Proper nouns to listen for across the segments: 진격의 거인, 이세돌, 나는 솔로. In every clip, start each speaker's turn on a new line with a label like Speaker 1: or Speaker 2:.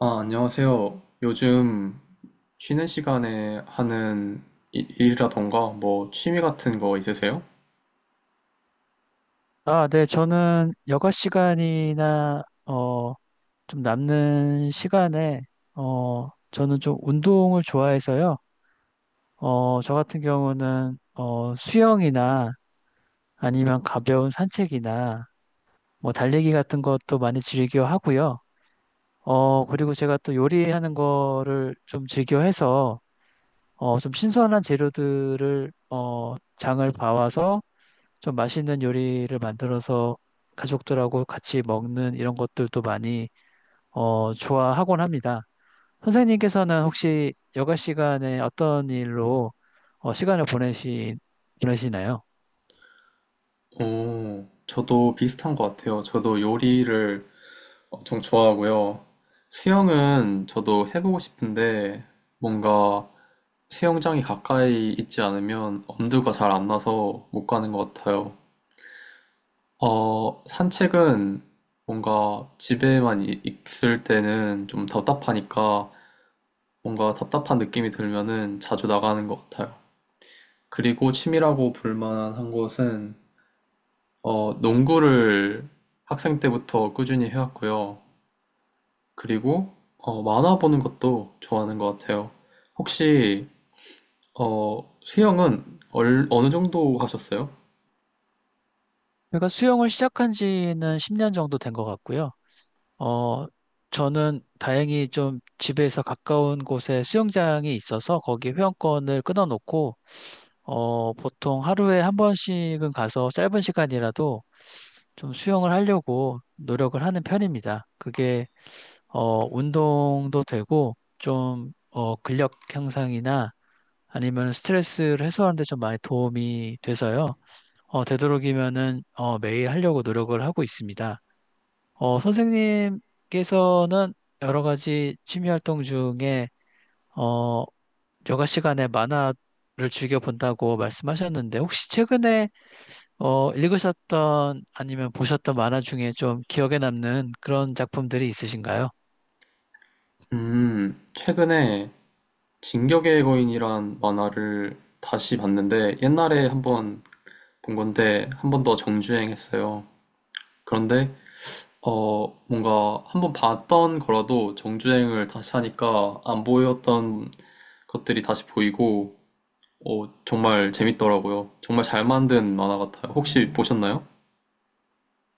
Speaker 1: 아, 안녕하세요. 요즘 쉬는 시간에 하는 일이라던가 뭐 취미 같은 거 있으세요?
Speaker 2: 아, 네, 저는 여가 시간이나, 좀 남는 시간에, 저는 좀 운동을 좋아해서요. 저 같은 경우는, 수영이나 아니면 가벼운 산책이나 뭐 달리기 같은 것도 많이 즐겨 하고요. 그리고 제가 또 요리하는 거를 좀 즐겨 해서, 좀 신선한 재료들을, 장을 봐와서 좀 맛있는 요리를 만들어서 가족들하고 같이 먹는 이런 것들도 많이 좋아하곤 합니다. 선생님께서는 혹시 여가 시간에 어떤 일로 시간을 보내시나요?
Speaker 1: 오, 저도 비슷한 것 같아요. 저도 요리를 엄청 좋아하고요. 수영은 저도 해보고 싶은데 뭔가 수영장이 가까이 있지 않으면 엄두가 잘 안 나서 못 가는 것 같아요. 산책은 뭔가 집에만 있을 때는 좀 답답하니까 뭔가 답답한 느낌이 들면은 자주 나가는 것 같아요. 그리고 취미라고 볼만한 것은 농구를 학생 때부터 꾸준히 해왔고요. 그리고 만화 보는 것도 좋아하는 것 같아요. 혹시 수영은 어느 정도 하셨어요?
Speaker 2: 제가 수영을 시작한 지는 10년 정도 된 것 같고요. 어, 저는 다행히 좀 집에서 가까운 곳에 수영장이 있어서 거기 회원권을 끊어놓고 보통 하루에 한 번씩은 가서 짧은 시간이라도 좀 수영을 하려고 노력을 하는 편입니다. 그게 운동도 되고 좀 근력 향상이나 아니면 스트레스를 해소하는 데 좀 많이 도움이 돼서요. 되도록이면은 매일 하려고 노력을 하고 있습니다. 선생님께서는 여러 가지 취미 활동 중에 어, 여가 시간에 만화를 즐겨 본다고 말씀하셨는데 혹시 최근에 읽으셨던 아니면 보셨던 만화 중에 좀 기억에 남는 그런 작품들이 있으신가요?
Speaker 1: 최근에 진격의 거인이란 만화를 다시 봤는데 옛날에 한번 본 건데 한 번 더 정주행했어요. 그런데 뭔가 한번 봤던 거라도 정주행을 다시 하니까 안 보였던 것들이 다시 보이고, 어, 정말 재밌더라고요. 정말 잘 만든 만화 같아요. 혹시 보셨나요?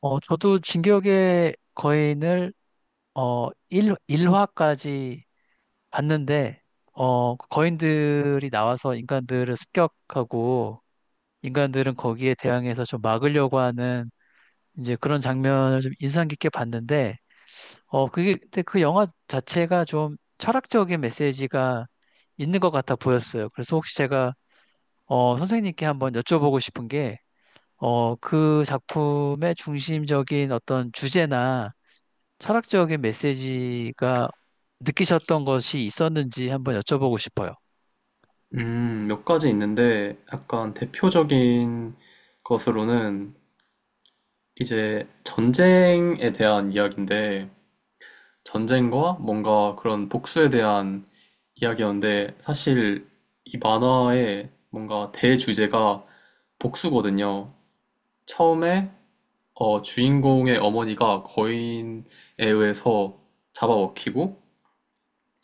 Speaker 2: 저도 진격의 거인을 1, 화까지 봤는데 그 거인들이 나와서 인간들을 습격하고 인간들은 거기에 대항해서 좀 막으려고 하는 이제 그런 장면을 좀 인상 깊게 봤는데 그게 근데 그 영화 자체가 좀 철학적인 메시지가 있는 것 같아 보였어요. 그래서 혹시 제가 선생님께 한번 여쭤보고 싶은 게, 그 작품의 중심적인 어떤 주제나 철학적인 메시지가 느끼셨던 것이 있었는지 한번 여쭤보고 싶어요.
Speaker 1: 몇 가지 있는데 약간 대표적인 것으로는 이제 전쟁에 대한 이야기인데, 전쟁과 뭔가 그런 복수에 대한 이야기였는데, 사실 이 만화의 뭔가 대주제가 복수거든요. 처음에 주인공의 어머니가 거인에 의해서 잡아먹히고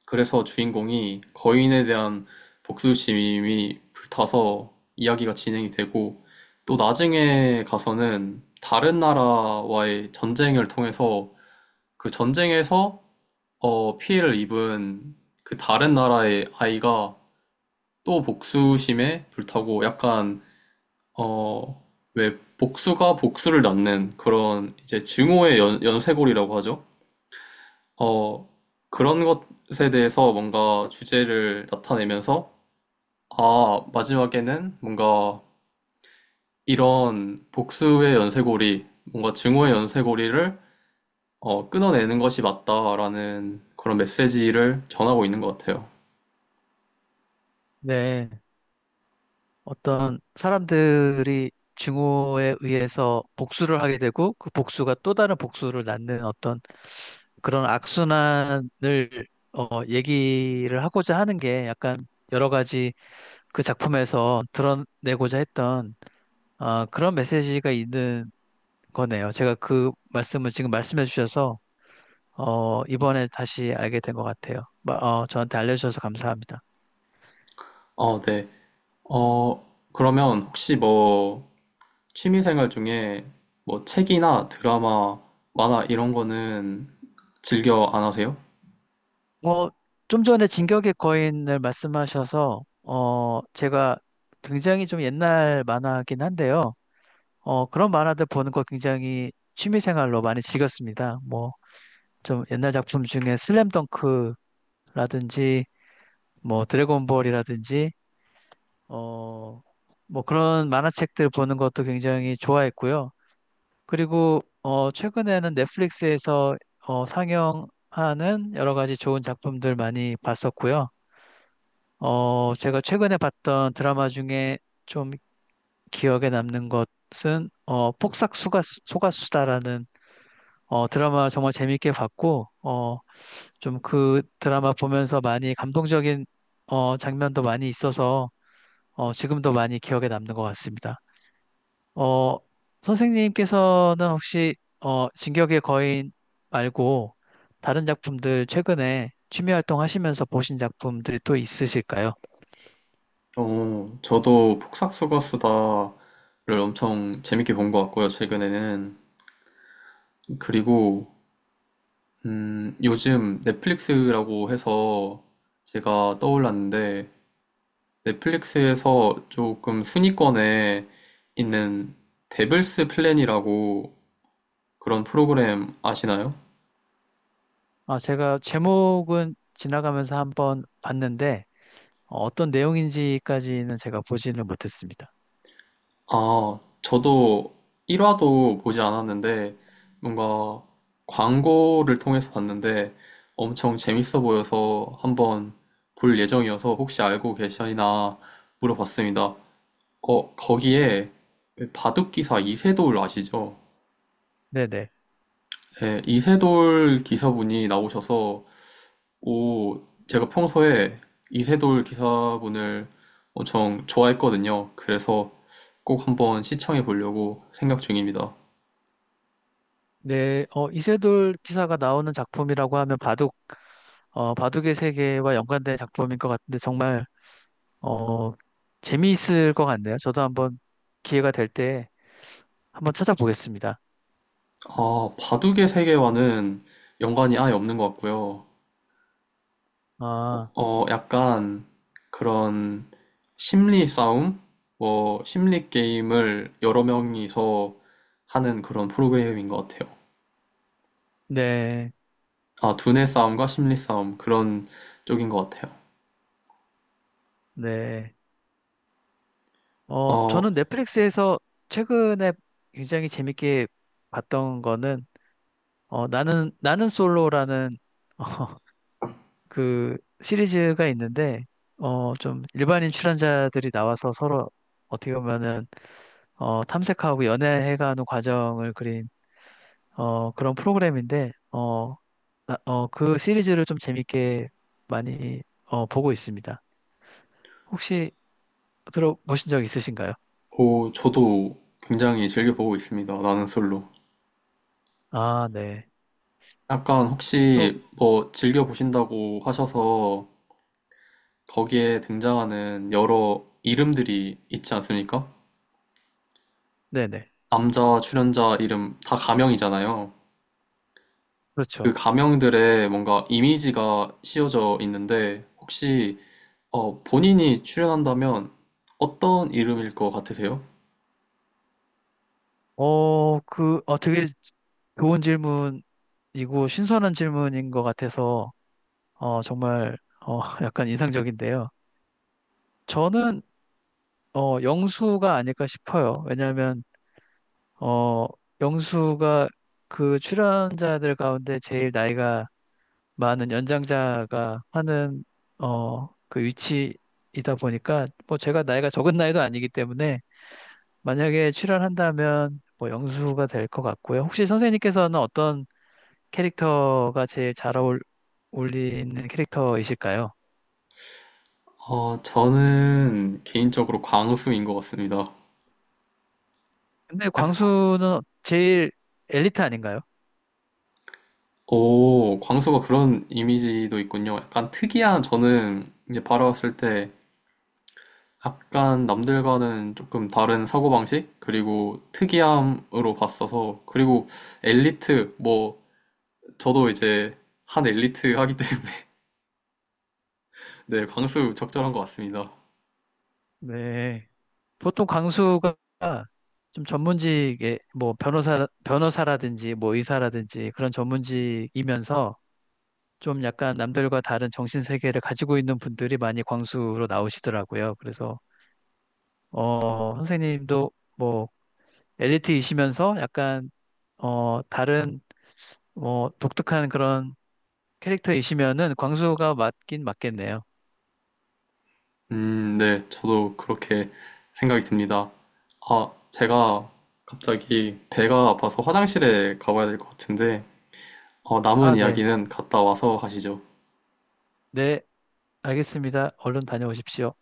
Speaker 1: 그래서 주인공이 거인에 대한 복수심이 불타서 이야기가 진행이 되고 또 나중에 가서는 다른 나라와의 전쟁을 통해서 그 전쟁에서 피해를 입은 그 다른 나라의 아이가 또 복수심에 불타고 약간 어, 왜 복수가 복수를 낳는 그런 이제 증오의 연쇄골이라고 하죠. 어, 그런 것에 대해서 뭔가 주제를 나타내면서 아, 마지막에는 뭔가 이런 복수의 연쇄골이 뭔가 증오의 연쇄골이를 어, 끊어내는 것이 맞다라는 그런 메시지를 전하고 있는 것 같아요.
Speaker 2: 네, 어떤 사람들이 증오에 의해서 복수를 하게 되고 그 복수가 또 다른 복수를 낳는 어떤 그런 악순환을 얘기를 하고자 하는 게 약간 여러 가지 그 작품에서 드러내고자 했던 아, 그런 메시지가 있는 거네요. 제가 그 말씀을 지금 말씀해 주셔서, 이번에 다시 알게 된 것 같아요. 저한테 알려주셔서 감사합니다.
Speaker 1: 어, 네. 어, 그러면 혹시 뭐 취미생활 중에 뭐 책이나 드라마, 만화 이런 거는 즐겨 안 하세요?
Speaker 2: 어, 좀 전에 진격의 거인을 말씀하셔서, 제가 굉장히 좀 옛날 만화긴 한데요. 그런 만화들 보는 거 굉장히 취미생활로 많이 즐겼습니다. 뭐, 좀 옛날 작품 중에 슬램덩크라든지, 뭐, 드래곤볼이라든지, 어, 뭐 그런 만화책들 보는 것도 굉장히 좋아했고요. 그리고 최근에는 넷플릭스에서 상영하는 여러 가지 좋은 작품들 많이 봤었고요. 제가 최근에 봤던 드라마 중에 좀 기억에 남는 것은 폭삭 속았수다라는 드라마 정말 재밌게 봤고 좀 그 드라마 보면서 많이 감동적인 장면도 많이 있어서 지금도 많이 기억에 남는 것 같습니다. 어, 선생님께서는 혹시 진격의 거인 말고 다른 작품들 최근에 취미 활동하시면서 보신 작품들이 또 있으실까요?
Speaker 1: 어, 저도 폭삭수가 수다를 엄청 재밌게 본 것 같고요, 최근에는. 그리고, 요즘 넷플릭스라고 해서 제가 떠올랐는데, 넷플릭스에서 조금 순위권에 있는 데블스 플랜이라고 그런 프로그램 아시나요?
Speaker 2: 아, 제가 제목은 지나가면서 한번 봤는데 떤 내용인지까지는 제가 보지는 못했습니다.
Speaker 1: 아, 저도 1화도 보지 않았는데, 뭔가 광고를 통해서 봤는데 엄청 재밌어 보여서 한번 볼 예정이어서 혹시 알고 계시나 물어봤습니다. 어, 거기에 바둑기사 이세돌 아시죠?
Speaker 2: 네네.
Speaker 1: 네, 이세돌 기사분이 나오셔서, 오, 제가 평소에 이세돌 기사분을 엄청 좋아했거든요. 그래서 꼭 한번 시청해 보려고 생각 중입니다.
Speaker 2: 네, 이세돌 기사가 나오는 작품이라고 하면 바둑, 바둑의 세계와 연관된 작품인 것 같은데 정말 어, 재미있을 것 같네요. 저도 한번 기회가 될때 한번 찾아보겠습니다.
Speaker 1: 아, 바둑의 세계와는 연관이 아예 없는 것 같고요.
Speaker 2: 아,
Speaker 1: 어, 약간 그런 심리 싸움? 뭐, 심리 게임을 여러 명이서 하는 그런 프로그램인 것 같아요.
Speaker 2: 네,
Speaker 1: 아, 두뇌 싸움과 심리 싸움, 그런 쪽인 것 같아요.
Speaker 2: 네.
Speaker 1: 어,
Speaker 2: 저는 넷플릭스에서 최근에 굉장히 재밌게 봤던 거는, 나는 솔로라는, 어, 그 시리즈가 있는데, 좀 일반인 출연자들이 나와서 서로 어떻게 보면은, 탐색하고 연애해가는 과정을 그린, 그런 프로그램인데, 그 시리즈를 좀 재밌게 많이, 보고 있습니다. 혹시 들어보신 적 있으신가요?
Speaker 1: 오, 저도 굉장히 즐겨보고 있습니다. 나는 솔로.
Speaker 2: 아, 네.
Speaker 1: 약간
Speaker 2: 또,
Speaker 1: 혹시 뭐 즐겨보신다고 하셔서 거기에 등장하는 여러 이름들이 있지 않습니까?
Speaker 2: 네네.
Speaker 1: 남자 출연자 이름 다 가명이잖아요. 그
Speaker 2: 그렇죠.
Speaker 1: 가명들의 뭔가 이미지가 씌워져 있는데 혹시 본인이 출연한다면 어떤 이름일 것 같으세요?
Speaker 2: 되게 좋은 질문이고 신선한 질문인 것 같아서, 정말, 어, 약간 인상적인데요. 저는, 영수가 아닐까 싶어요. 왜냐하면, 어, 영수가 그 출연자들 가운데 제일 나이가 많은 연장자가 하는, 그 위치이다 보니까, 뭐 제가 나이가 적은 나이도 아니기 때문에, 만약에 출연한다면 뭐 영수가 될 것 같고요. 혹시 선생님께서는 어떤 캐릭터가 제일 잘 어울리는 캐릭터이실까요?
Speaker 1: 어, 저는 개인적으로 광수인 것 같습니다.
Speaker 2: 근데
Speaker 1: 약-
Speaker 2: 광수는 제일 엘리트 아닌가요?
Speaker 1: 오, 광수가 그런 이미지도 있군요. 약간 특이한 저는 이제 바라봤을 때 약간 남들과는 조금 다른 사고방식 그리고 특이함으로 봤어서 그리고 엘리트 뭐 저도 이제 한 엘리트 하기 때문에 네, 광수 적절한 것 같습니다.
Speaker 2: 네. 보통 광수가 좀 전문직에 뭐 변호사라든지 뭐 의사라든지 그런 전문직이면서 좀 약간 남들과 다른 정신 세계를 가지고 있는 분들이 많이 광수로 나오시더라고요. 그래서 선생님도 뭐 엘리트이시면서 약간 다른 뭐 독특한 그런 캐릭터이시면은 광수가 맞긴 맞겠네요.
Speaker 1: 네, 저도 그렇게 생각이 듭니다. 아, 제가 갑자기 배가 아파서 화장실에 가봐야 될 것 같은데 어, 남은
Speaker 2: 아, 네.
Speaker 1: 이야기는 갔다 와서 하시죠.
Speaker 2: 네, 알겠습니다. 얼른 다녀오십시오.